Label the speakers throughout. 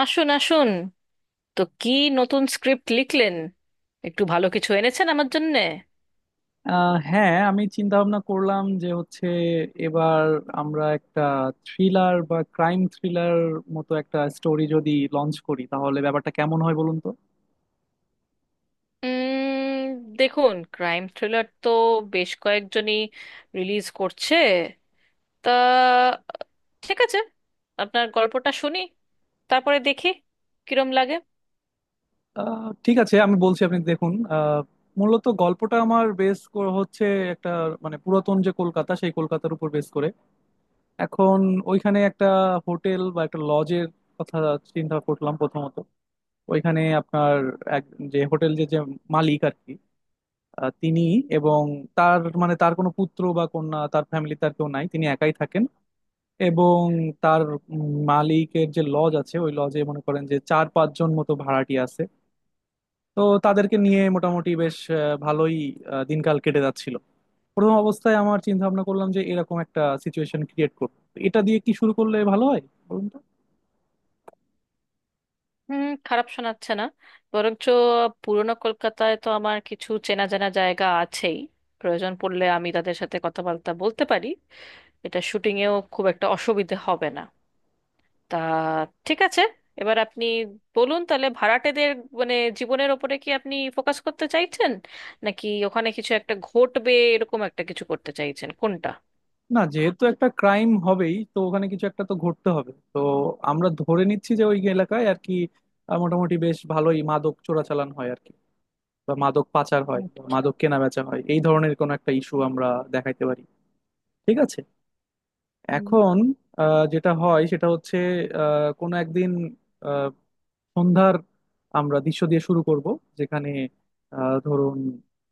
Speaker 1: আসুন আসুন, তো কি নতুন স্ক্রিপ্ট লিখলেন? একটু ভালো কিছু এনেছেন আমার জন্যে?
Speaker 2: হ্যাঁ, আমি চিন্তা ভাবনা করলাম যে হচ্ছে এবার আমরা একটা থ্রিলার বা ক্রাইম থ্রিলার মতো একটা স্টোরি যদি লঞ্চ করি তাহলে ব্যাপারটা কেমন হয়, বলুন তো?
Speaker 1: উম, দেখুন, ক্রাইম থ্রিলার তো বেশ কয়েকজনই রিলিজ করছে। তা ঠিক আছে, আপনার গল্পটা শুনি, তারপরে দেখি কিরম লাগে।
Speaker 2: ঠিক আছে, আমি বলছি, আপনি দেখুন। মূলত গল্পটা আমার বেস হচ্ছে একটা মানে পুরাতন যে কলকাতা, সেই কলকাতার উপর বেস করে। এখন ওইখানে একটা হোটেল বা একটা লজের কথা চিন্তা করলাম। প্রথমত, ওইখানে আপনার এক যে হোটেল, যে যে মালিক আর কি। তিনি, এবং তার মানে তার কোনো পুত্র বা কন্যা, তার ফ্যামিলি, তার কেউ নাই। তিনি একাই থাকেন। এবং তার মালিকের যে লজ আছে, ওই লজে মনে করেন যে চার পাঁচজন মতো ভাড়াটি আছে। তো তাদেরকে নিয়ে মোটামুটি বেশ ভালোই দিনকাল কেটে যাচ্ছিল। প্রথম অবস্থায় আমার চিন্তা ভাবনা করলাম যে এরকম একটা সিচুয়েশন ক্রিয়েট করবো। তো এটা দিয়ে কি শুরু করলে ভালো হয়, বলুন তো?
Speaker 1: হুম, খারাপ শোনাচ্ছে না। বরঞ্চ পুরনো কলকাতায় তো আমার কিছু চেনা জানা জায়গা আছেই, প্রয়োজন পড়লে আমি তাদের সাথে কথাবার্তা বলতে পারি। এটা শুটিংয়েও খুব একটা অসুবিধে হবে না। তা ঠিক আছে, এবার আপনি বলুন তাহলে ভাড়াটেদের মানে জীবনের ওপরে কি আপনি ফোকাস করতে চাইছেন, নাকি ওখানে কিছু একটা ঘটবে এরকম একটা কিছু করতে চাইছেন, কোনটা?
Speaker 2: না, যেহেতু একটা ক্রাইম হবেই তো ওখানে কিছু একটা তো ঘটতে হবে। তো আমরা ধরে নিচ্ছি যে ওই এলাকায় আর কি মোটামুটি বেশ ভালোই মাদক চোরাচালান হয় আর কি। বা মাদক পাচার হয় বা
Speaker 1: আচ্ছা।
Speaker 2: মাদক কেনাবেচা হয়, এই ধরনের কোনো একটা ইস্যু আমরা দেখাইতে পারি। ঠিক আছে।
Speaker 1: হুম।
Speaker 2: এখন যেটা হয় সেটা হচ্ছে, কোনো একদিন সন্ধ্যার আমরা দৃশ্য দিয়ে শুরু করব, যেখানে ধরুন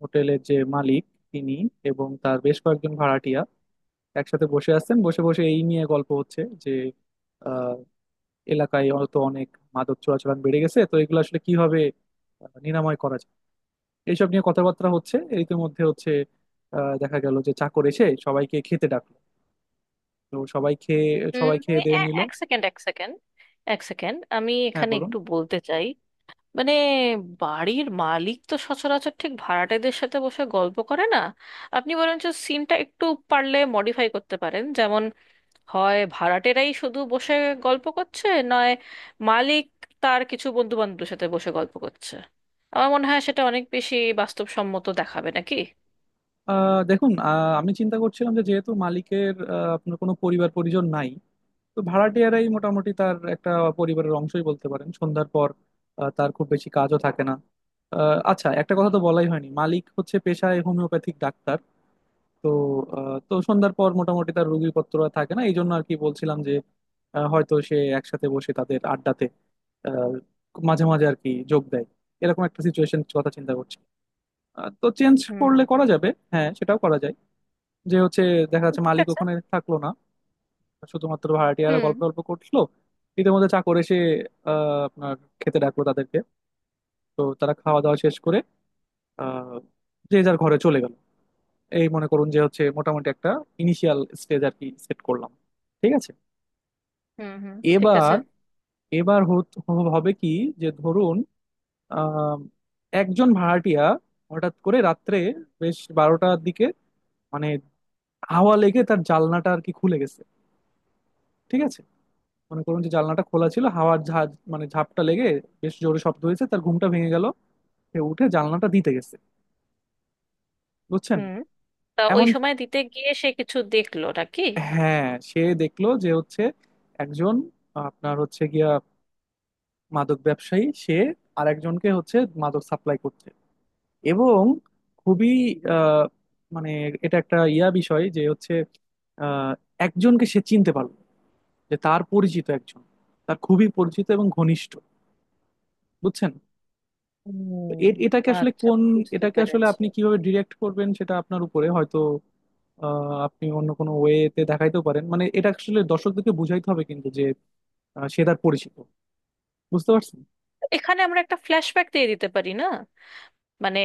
Speaker 2: হোটেলের যে মালিক তিনি এবং তার বেশ কয়েকজন ভাড়াটিয়া একসাথে বসে আছেন। বসে বসে এই নিয়ে গল্প হচ্ছে যে আহ, এলাকায় হয়তো অনেক মাদক চোরাচালান বেড়ে গেছে, তো এগুলো আসলে কিভাবে নিরাময় করা যায় এইসব নিয়ে কথাবার্তা হচ্ছে। এই মধ্যে হচ্ছে দেখা গেল যে চাকর এসে সবাইকে খেতে ডাকলো। তো সবাই খেয়ে
Speaker 1: মানে
Speaker 2: দিয়ে নিল।
Speaker 1: এক সেকেন্ড, এক সেকেন্ড, আমি
Speaker 2: হ্যাঁ,
Speaker 1: এখানে
Speaker 2: বলুন।
Speaker 1: একটু বলতে চাই। মানে, বাড়ির মালিক তো সচরাচর ঠিক ভাড়াটেদের সাথে বসে গল্প করে না। আপনি বরঞ্চ সিনটা একটু পারলে মডিফাই করতে পারেন। যেমন, হয় ভাড়াটেরাই শুধু বসে গল্প করছে, নয় মালিক তার কিছু বন্ধু বান্ধবের সাথে বসে গল্প করছে। আমার মনে হয় সেটা অনেক বেশি বাস্তবসম্মত দেখাবে, নাকি?
Speaker 2: দেখুন, আমি চিন্তা করছিলাম যে যেহেতু মালিকের আপনার কোনো পরিবার পরিজন নাই। তো ভাড়াটিয়ারাই মোটামুটি তার একটা পরিবারের অংশই বলতে পারেন। সন্ধ্যার পর তার খুব বেশি কাজও থাকে না। আচ্ছা, একটা কথা তো বলাই হয়নি, মালিক হচ্ছে পেশায় হোমিওপ্যাথিক ডাক্তার। তো সন্ধ্যার পর মোটামুটি তার রোগীপত্র আর থাকে না, এই জন্য আর কি বলছিলাম যে হয়তো সে একসাথে বসে তাদের আড্ডাতে আহ, মাঝে মাঝে আর কি যোগ দেয়। এরকম একটা সিচুয়েশন কথা চিন্তা করছি। তো চেঞ্জ
Speaker 1: হুম।
Speaker 2: করলে করা যাবে, হ্যাঁ সেটাও করা যায়। যে হচ্ছে দেখা যাচ্ছে
Speaker 1: ঠিক
Speaker 2: মালিক
Speaker 1: আছে।
Speaker 2: ওখানে থাকলো না, শুধুমাত্র ভাড়াটিয়ারা
Speaker 1: হুম,
Speaker 2: গল্প গল্প করছিল। ইতিমধ্যে চাকর এসে আপনার খেতে ডাকলো তাদেরকে। তো তারা খাওয়া দাওয়া শেষ করে আহ, যে যার ঘরে চলে গেল। এই মনে করুন যে হচ্ছে মোটামুটি একটা ইনিশিয়াল স্টেজ আর কি সেট করলাম। ঠিক আছে।
Speaker 1: হুম, হুম, ঠিক আছে।
Speaker 2: এবার এবার হবে কি যে ধরুন আহ, একজন ভাড়াটিয়া হঠাৎ করে রাত্রে বেশ 12টার দিকে মানে হাওয়া লেগে তার জানলাটা আর কি খুলে গেছে। ঠিক আছে। মনে করুন যে জানলাটা খোলা ছিল, হাওয়ার ঝাঁজ মানে ঝাপটা লেগে বেশ জোরে শব্দ হয়েছে, তার ঘুমটা ভেঙে গেল। সে উঠে জানলাটা দিতে গেছে, বুঝছেন?
Speaker 1: হুম। তা ওই
Speaker 2: এমন,
Speaker 1: সময় দিতে গিয়ে সে কিছু দেখলো নাকি?
Speaker 2: হ্যাঁ, সে দেখলো যে হচ্ছে একজন আপনার হচ্ছে গিয়া মাদক ব্যবসায়ী, সে আর একজনকে হচ্ছে মাদক সাপ্লাই করছে। এবং খুবই আহ, মানে এটা একটা ইয়া বিষয় যে হচ্ছে আহ, একজনকে সে চিনতে পারলো, যে তার পরিচিত একজন, তার খুবই পরিচিত এবং ঘনিষ্ঠ, বুঝছেন? তো
Speaker 1: হুম। আচ্ছা, বুঝতে
Speaker 2: এটাকে আসলে
Speaker 1: পেরেছি।
Speaker 2: আপনি কিভাবে ডিরেক্ট করবেন সেটা আপনার উপরে হয়তো। আপনি অন্য কোনো ওয়েতে দেখাইতেও পারেন, মানে এটা আসলে দর্শকদেরকে বুঝাইতে হবে কিন্তু যে সে তার পরিচিত, বুঝতে পারছেন?
Speaker 1: এখানে আমরা একটা ফ্ল্যাশব্যাক দিয়ে দিতে পারি না? মানে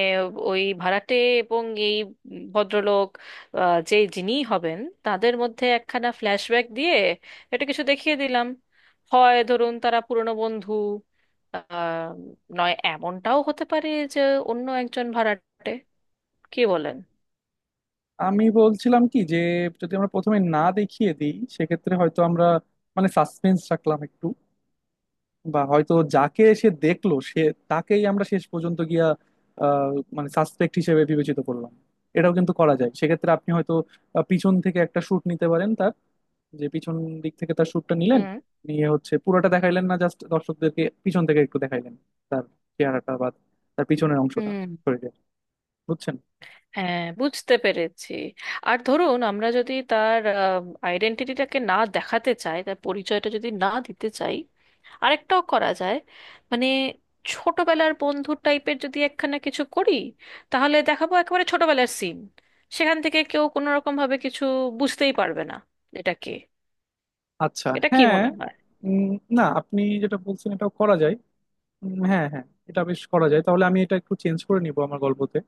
Speaker 1: ওই ভাড়াটে এবং এই ভদ্রলোক, যে যিনি হবেন, তাদের মধ্যে একখানা ফ্ল্যাশব্যাক দিয়ে এটা কিছু দেখিয়ে দিলাম। হয় ধরুন তারা পুরনো বন্ধু, আহ, নয় এমনটাও হতে পারে যে অন্য একজন ভাড়াটে। কি বলেন?
Speaker 2: আমি বলছিলাম কি যে যদি আমরা প্রথমে না দেখিয়ে দিই সেক্ষেত্রে হয়তো আমরা মানে সাসপেন্স রাখলাম একটু। বা হয়তো যাকে সে দেখলো, সে তাকেই আমরা শেষ পর্যন্ত গিয়া আহ, মানে সাসপেক্ট হিসেবে বিবেচিত করলাম, এটাও কিন্তু করা যায়। সেক্ষেত্রে আপনি হয়তো পিছন থেকে একটা শুট নিতে পারেন, যে পিছন দিক থেকে তার শ্যুটটা নিলেন।
Speaker 1: হুম।
Speaker 2: নিয়ে হচ্ছে পুরোটা দেখাইলেন না, জাস্ট দর্শকদেরকে পিছন থেকে একটু দেখাইলেন তার চেহারাটা বা তার পিছনের অংশটা
Speaker 1: হুম।
Speaker 2: শরীরের, বুঝছেন?
Speaker 1: হ্যাঁ, বুঝতে পেরেছি। আর ধরুন আমরা যদি তার আইডেন্টিটিটাকে না দেখাতে চাই, তার পরিচয়টা যদি না দিতে চাই, আরেকটাও করা যায়। মানে ছোটবেলার বন্ধু টাইপের যদি একখানা কিছু করি, তাহলে দেখাবো একেবারে ছোটবেলার সিন। সেখান থেকে কেউ কোনো রকম ভাবে কিছু বুঝতেই পারবে না এটা কে।
Speaker 2: আচ্ছা,
Speaker 1: এটা কি
Speaker 2: হ্যাঁ।
Speaker 1: মনে হয়?
Speaker 2: উম, না, আপনি যেটা বলছেন এটাও করা যায়। হ্যাঁ হ্যাঁ, এটা বেশ করা যায়। তাহলে আমি এটা একটু চেঞ্জ করে নিব আমার গল্পতে।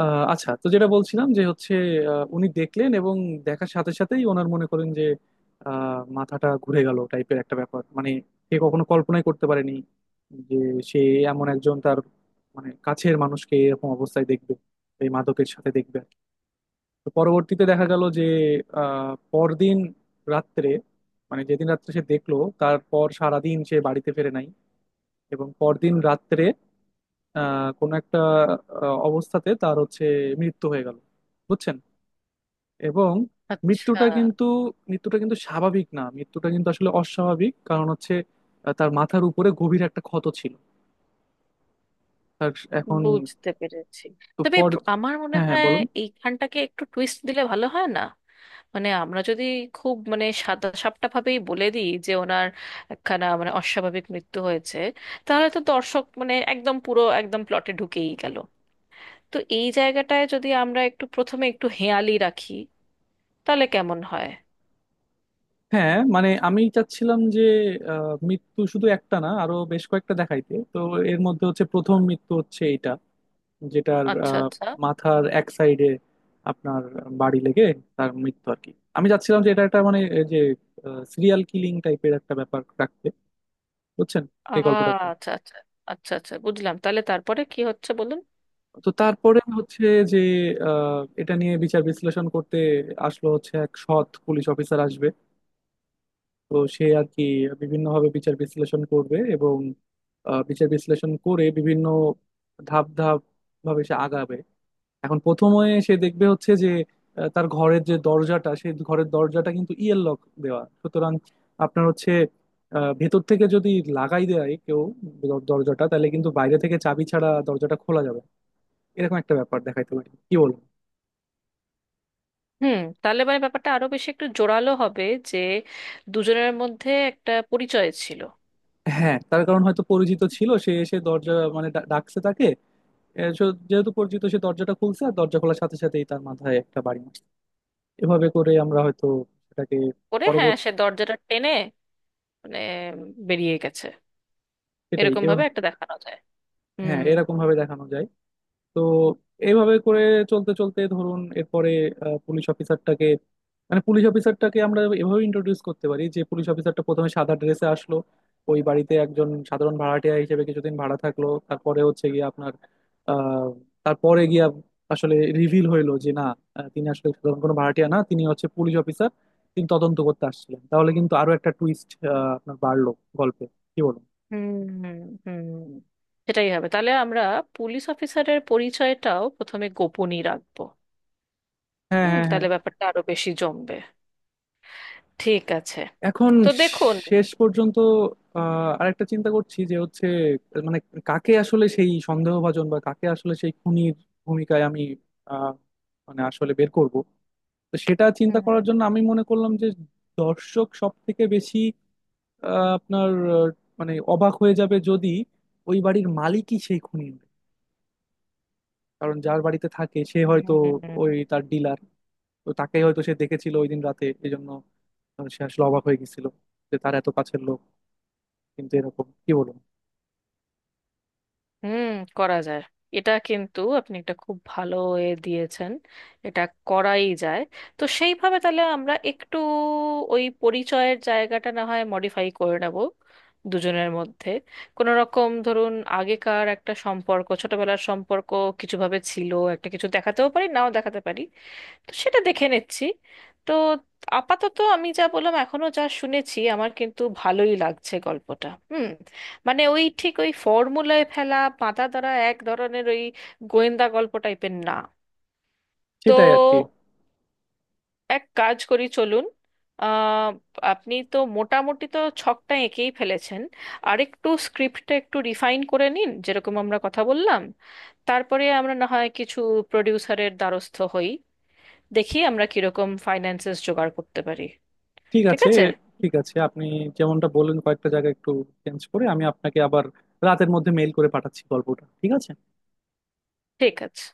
Speaker 2: আচ্ছা, তো যেটা বলছিলাম যে হচ্ছে উনি দেখলেন। এবং দেখার সাথে সাথেই ওনার মনে করেন যে মাথাটা ঘুরে গেল টাইপের একটা ব্যাপার, মানে সে কখনো কল্পনাই করতে পারেনি যে সে এমন একজন তার মানে কাছের মানুষকে এরকম অবস্থায় দেখবে, এই মাদকের সাথে দেখবে আর কি। তো পরবর্তীতে দেখা গেল যে পরদিন রাত্রে, মানে যেদিন রাত্রে সে দেখলো তারপর সারাদিন সে বাড়িতে ফেরে নাই। এবং পরদিন রাত্রে কোনো একটা অবস্থাতে তার হচ্ছে মৃত্যু হয়ে গেল, বুঝছেন? এবং
Speaker 1: আচ্ছা।
Speaker 2: মৃত্যুটা কিন্তু মৃত্যুটা কিন্তু স্বাভাবিক না, মৃত্যুটা কিন্তু আসলে অস্বাভাবিক। কারণ হচ্ছে তার মাথার উপরে গভীর একটা ক্ষত ছিল। তার এখন
Speaker 1: বুঝতে পেরেছি।
Speaker 2: তো
Speaker 1: তবে
Speaker 2: পর,
Speaker 1: আমার মনে
Speaker 2: হ্যাঁ হ্যাঁ,
Speaker 1: হয়
Speaker 2: বলুন।
Speaker 1: এইখানটাকে একটু টুইস্ট দিলে ভালো হয় না? মানে আমরা যদি খুব মানে সাদা সাপটা ভাবেই বলে দিই যে ওনার একখানা মানে অস্বাভাবিক মৃত্যু হয়েছে, তাহলে তো দর্শক মানে একদম পুরো একদম প্লটে ঢুকেই গেল। তো এই জায়গাটায় যদি আমরা একটু প্রথমে একটু হেঁয়ালি রাখি তাহলে কেমন হয়?
Speaker 2: হ্যাঁ, মানে আমি চাচ্ছিলাম যে মৃত্যু শুধু একটা না, আরো বেশ কয়েকটা দেখাইতে। তো এর মধ্যে হচ্ছে প্রথম মৃত্যু হচ্ছে এইটা, যেটার
Speaker 1: আচ্ছা, আচ্ছা।
Speaker 2: মাথার এক সাইডে আপনার বাড়ি লেগে তার মৃত্যু আর কি। আমি চাচ্ছিলাম যে এটা একটা মানে এই যে সিরিয়াল কিলিং টাইপের একটা ব্যাপার রাখতে, বুঝছেন, এই গল্পটাতে।
Speaker 1: আচ্ছা, আচ্ছা। আচ্ছা, আচ্ছা, বুঝলাম। তাহলে তারপরে কি হচ্ছে বলুন।
Speaker 2: তো তারপরে হচ্ছে যে এটা নিয়ে বিচার বিশ্লেষণ করতে আসলো হচ্ছে এক সৎ পুলিশ অফিসার আসবে। তো সে আর কি বিভিন্নভাবে বিচার বিশ্লেষণ করবে, এবং বিচার বিশ্লেষণ করে বিভিন্ন ধাপ ধাপ ভাবে সে আগাবে। এখন প্রথমে সে দেখবে হচ্ছে যে তার ঘরের যে দরজাটা সেই ঘরের দরজাটা কিন্তু ইয়ের লক দেওয়া। সুতরাং আপনার হচ্ছে ভেতর থেকে যদি লাগাই দেয় কেউ দরজাটা, তাহলে কিন্তু বাইরে থেকে চাবি ছাড়া দরজাটা খোলা যাবে না। এরকম একটা ব্যাপার দেখাইতে পারি, কি বলবো।
Speaker 1: হুম, তাহলে মানে ব্যাপারটা আরো বেশি একটু জোরালো হবে যে দুজনের মধ্যে একটা পরিচয় ছিল।
Speaker 2: হ্যাঁ, তার কারণ হয়তো পরিচিত ছিল। সে এসে দরজা মানে ডাকছে তাকে। যেহেতু পরিচিত, সে দরজাটা খুলছে, আর দরজা খোলার সাথে সাথেই তার মাথায় একটা বাড়ি মারছে। এভাবে করে আমরা হয়তো সেটাকে
Speaker 1: করে, হ্যাঁ,
Speaker 2: পরবর্তী
Speaker 1: সে দরজাটা টেনে মানে বেরিয়ে গেছে।
Speaker 2: সেটাই
Speaker 1: এরকম ভাবে একটা দেখানো যায়।
Speaker 2: হ্যাঁ
Speaker 1: হুম।
Speaker 2: এরকম ভাবে দেখানো যায়। তো এইভাবে করে চলতে চলতে ধরুন এরপরে আহ, পুলিশ অফিসারটাকে মানে পুলিশ অফিসারটাকে আমরা এভাবে ইন্ট্রোডিউস করতে পারি যে পুলিশ অফিসারটা প্রথমে সাদা ড্রেসে আসলো, ওই বাড়িতে একজন সাধারণ ভাড়াটিয়া হিসেবে কিছুদিন ভাড়া থাকলো। তারপরে হচ্ছে গিয়ে আপনার আহ তারপরে গিয়া আসলে রিভিল হইলো যে না, তিনি আসলে সাধারণ কোনো ভাড়াটিয়া না, তিনি হচ্ছে পুলিশ অফিসার, তিনি তদন্ত করতে আসছিলেন। তাহলে কিন্তু আরো একটা টুইস্ট আপনার বাড়লো গল্পে, কি বলুন?
Speaker 1: হুম, হুম, হুম, সেটাই হবে তাহলে। আমরা পুলিশ অফিসারের পরিচয়টাও প্রথমে গোপনই রাখবো।
Speaker 2: হ্যাঁ
Speaker 1: হুম,
Speaker 2: হ্যাঁ হ্যাঁ।
Speaker 1: তাহলে ব্যাপারটা আরো বেশি জমবে। ঠিক আছে।
Speaker 2: এখন
Speaker 1: তো দেখুন।
Speaker 2: শেষ পর্যন্ত আরেকটা চিন্তা করছি যে হচ্ছে মানে কাকে আসলে সেই সন্দেহভাজন, বা কাকে আসলে সেই খুনির ভূমিকায় আমি আহ, মানে আসলে বের করব। তো সেটা চিন্তা
Speaker 1: হুম,
Speaker 2: করার জন্য আমি মনে করলাম যে দর্শক সব থেকে বেশি আহ, আপনার আহ, মানে অবাক হয়ে যাবে যদি ওই বাড়ির মালিকই সেই খুনি হয়। কারণ যার বাড়িতে থাকে সে হয়তো
Speaker 1: হুম।
Speaker 2: ওই তার ডিলার, তো তাকেই হয়তো সে দেখেছিল ওই দিন রাতে, এই জন্য সে আসলে অবাক হয়ে গেছিল যে তার এত কাছের লোক কিন্তু এরকম, কি বলুন।
Speaker 1: হুম, করা যায়। এটা কিন্তু আপনি একটা খুব ভালো এ দিয়েছেন। এটা করাই যায়। তো সেইভাবে তাহলে আমরা একটু ওই পরিচয়ের জায়গাটা না হয় মডিফাই করে নেব। দুজনের মধ্যে কোনো রকম ধরুন আগেকার একটা সম্পর্ক, ছোটবেলার সম্পর্ক কিছুভাবে ছিল, একটা কিছু দেখাতেও পারি, নাও দেখাতে পারি। তো সেটা দেখে নিচ্ছি। তো আপাতত আমি যা বললাম, এখনো যা শুনেছি, আমার কিন্তু ভালোই লাগছে গল্পটা। হুম। মানে ওই ঠিক ওই ফর্মুলায় ফেলা বাঁধা ধরা এক ধরনের ওই গোয়েন্দা গল্প টাইপের না। তো
Speaker 2: সেটাই আর কি।
Speaker 1: এক কাজ করি, চলুন। আহ, আপনি তো মোটামুটি তো ছকটা এঁকেই ফেলেছেন। আরেকটু স্ক্রিপ্টটা একটু রিফাইন করে নিন যেরকম আমরা কথা বললাম। তারপরে আমরা না হয় কিছু প্রডিউসারের দ্বারস্থ হই, দেখি আমরা কিরকম ফাইন্যান্সেস জোগাড় করতে পারি।
Speaker 2: ঠিক
Speaker 1: ঠিক
Speaker 2: আছে।
Speaker 1: আছে।
Speaker 2: ঠিক আছে, আপনি যেমনটা বললেন কয়েকটা জায়গা একটু চেঞ্জ করে আমি আপনাকে আবার রাতের মধ্যে মেইল করে পাঠাচ্ছি গল্পটা, ঠিক আছে।
Speaker 1: ঠিক আছে।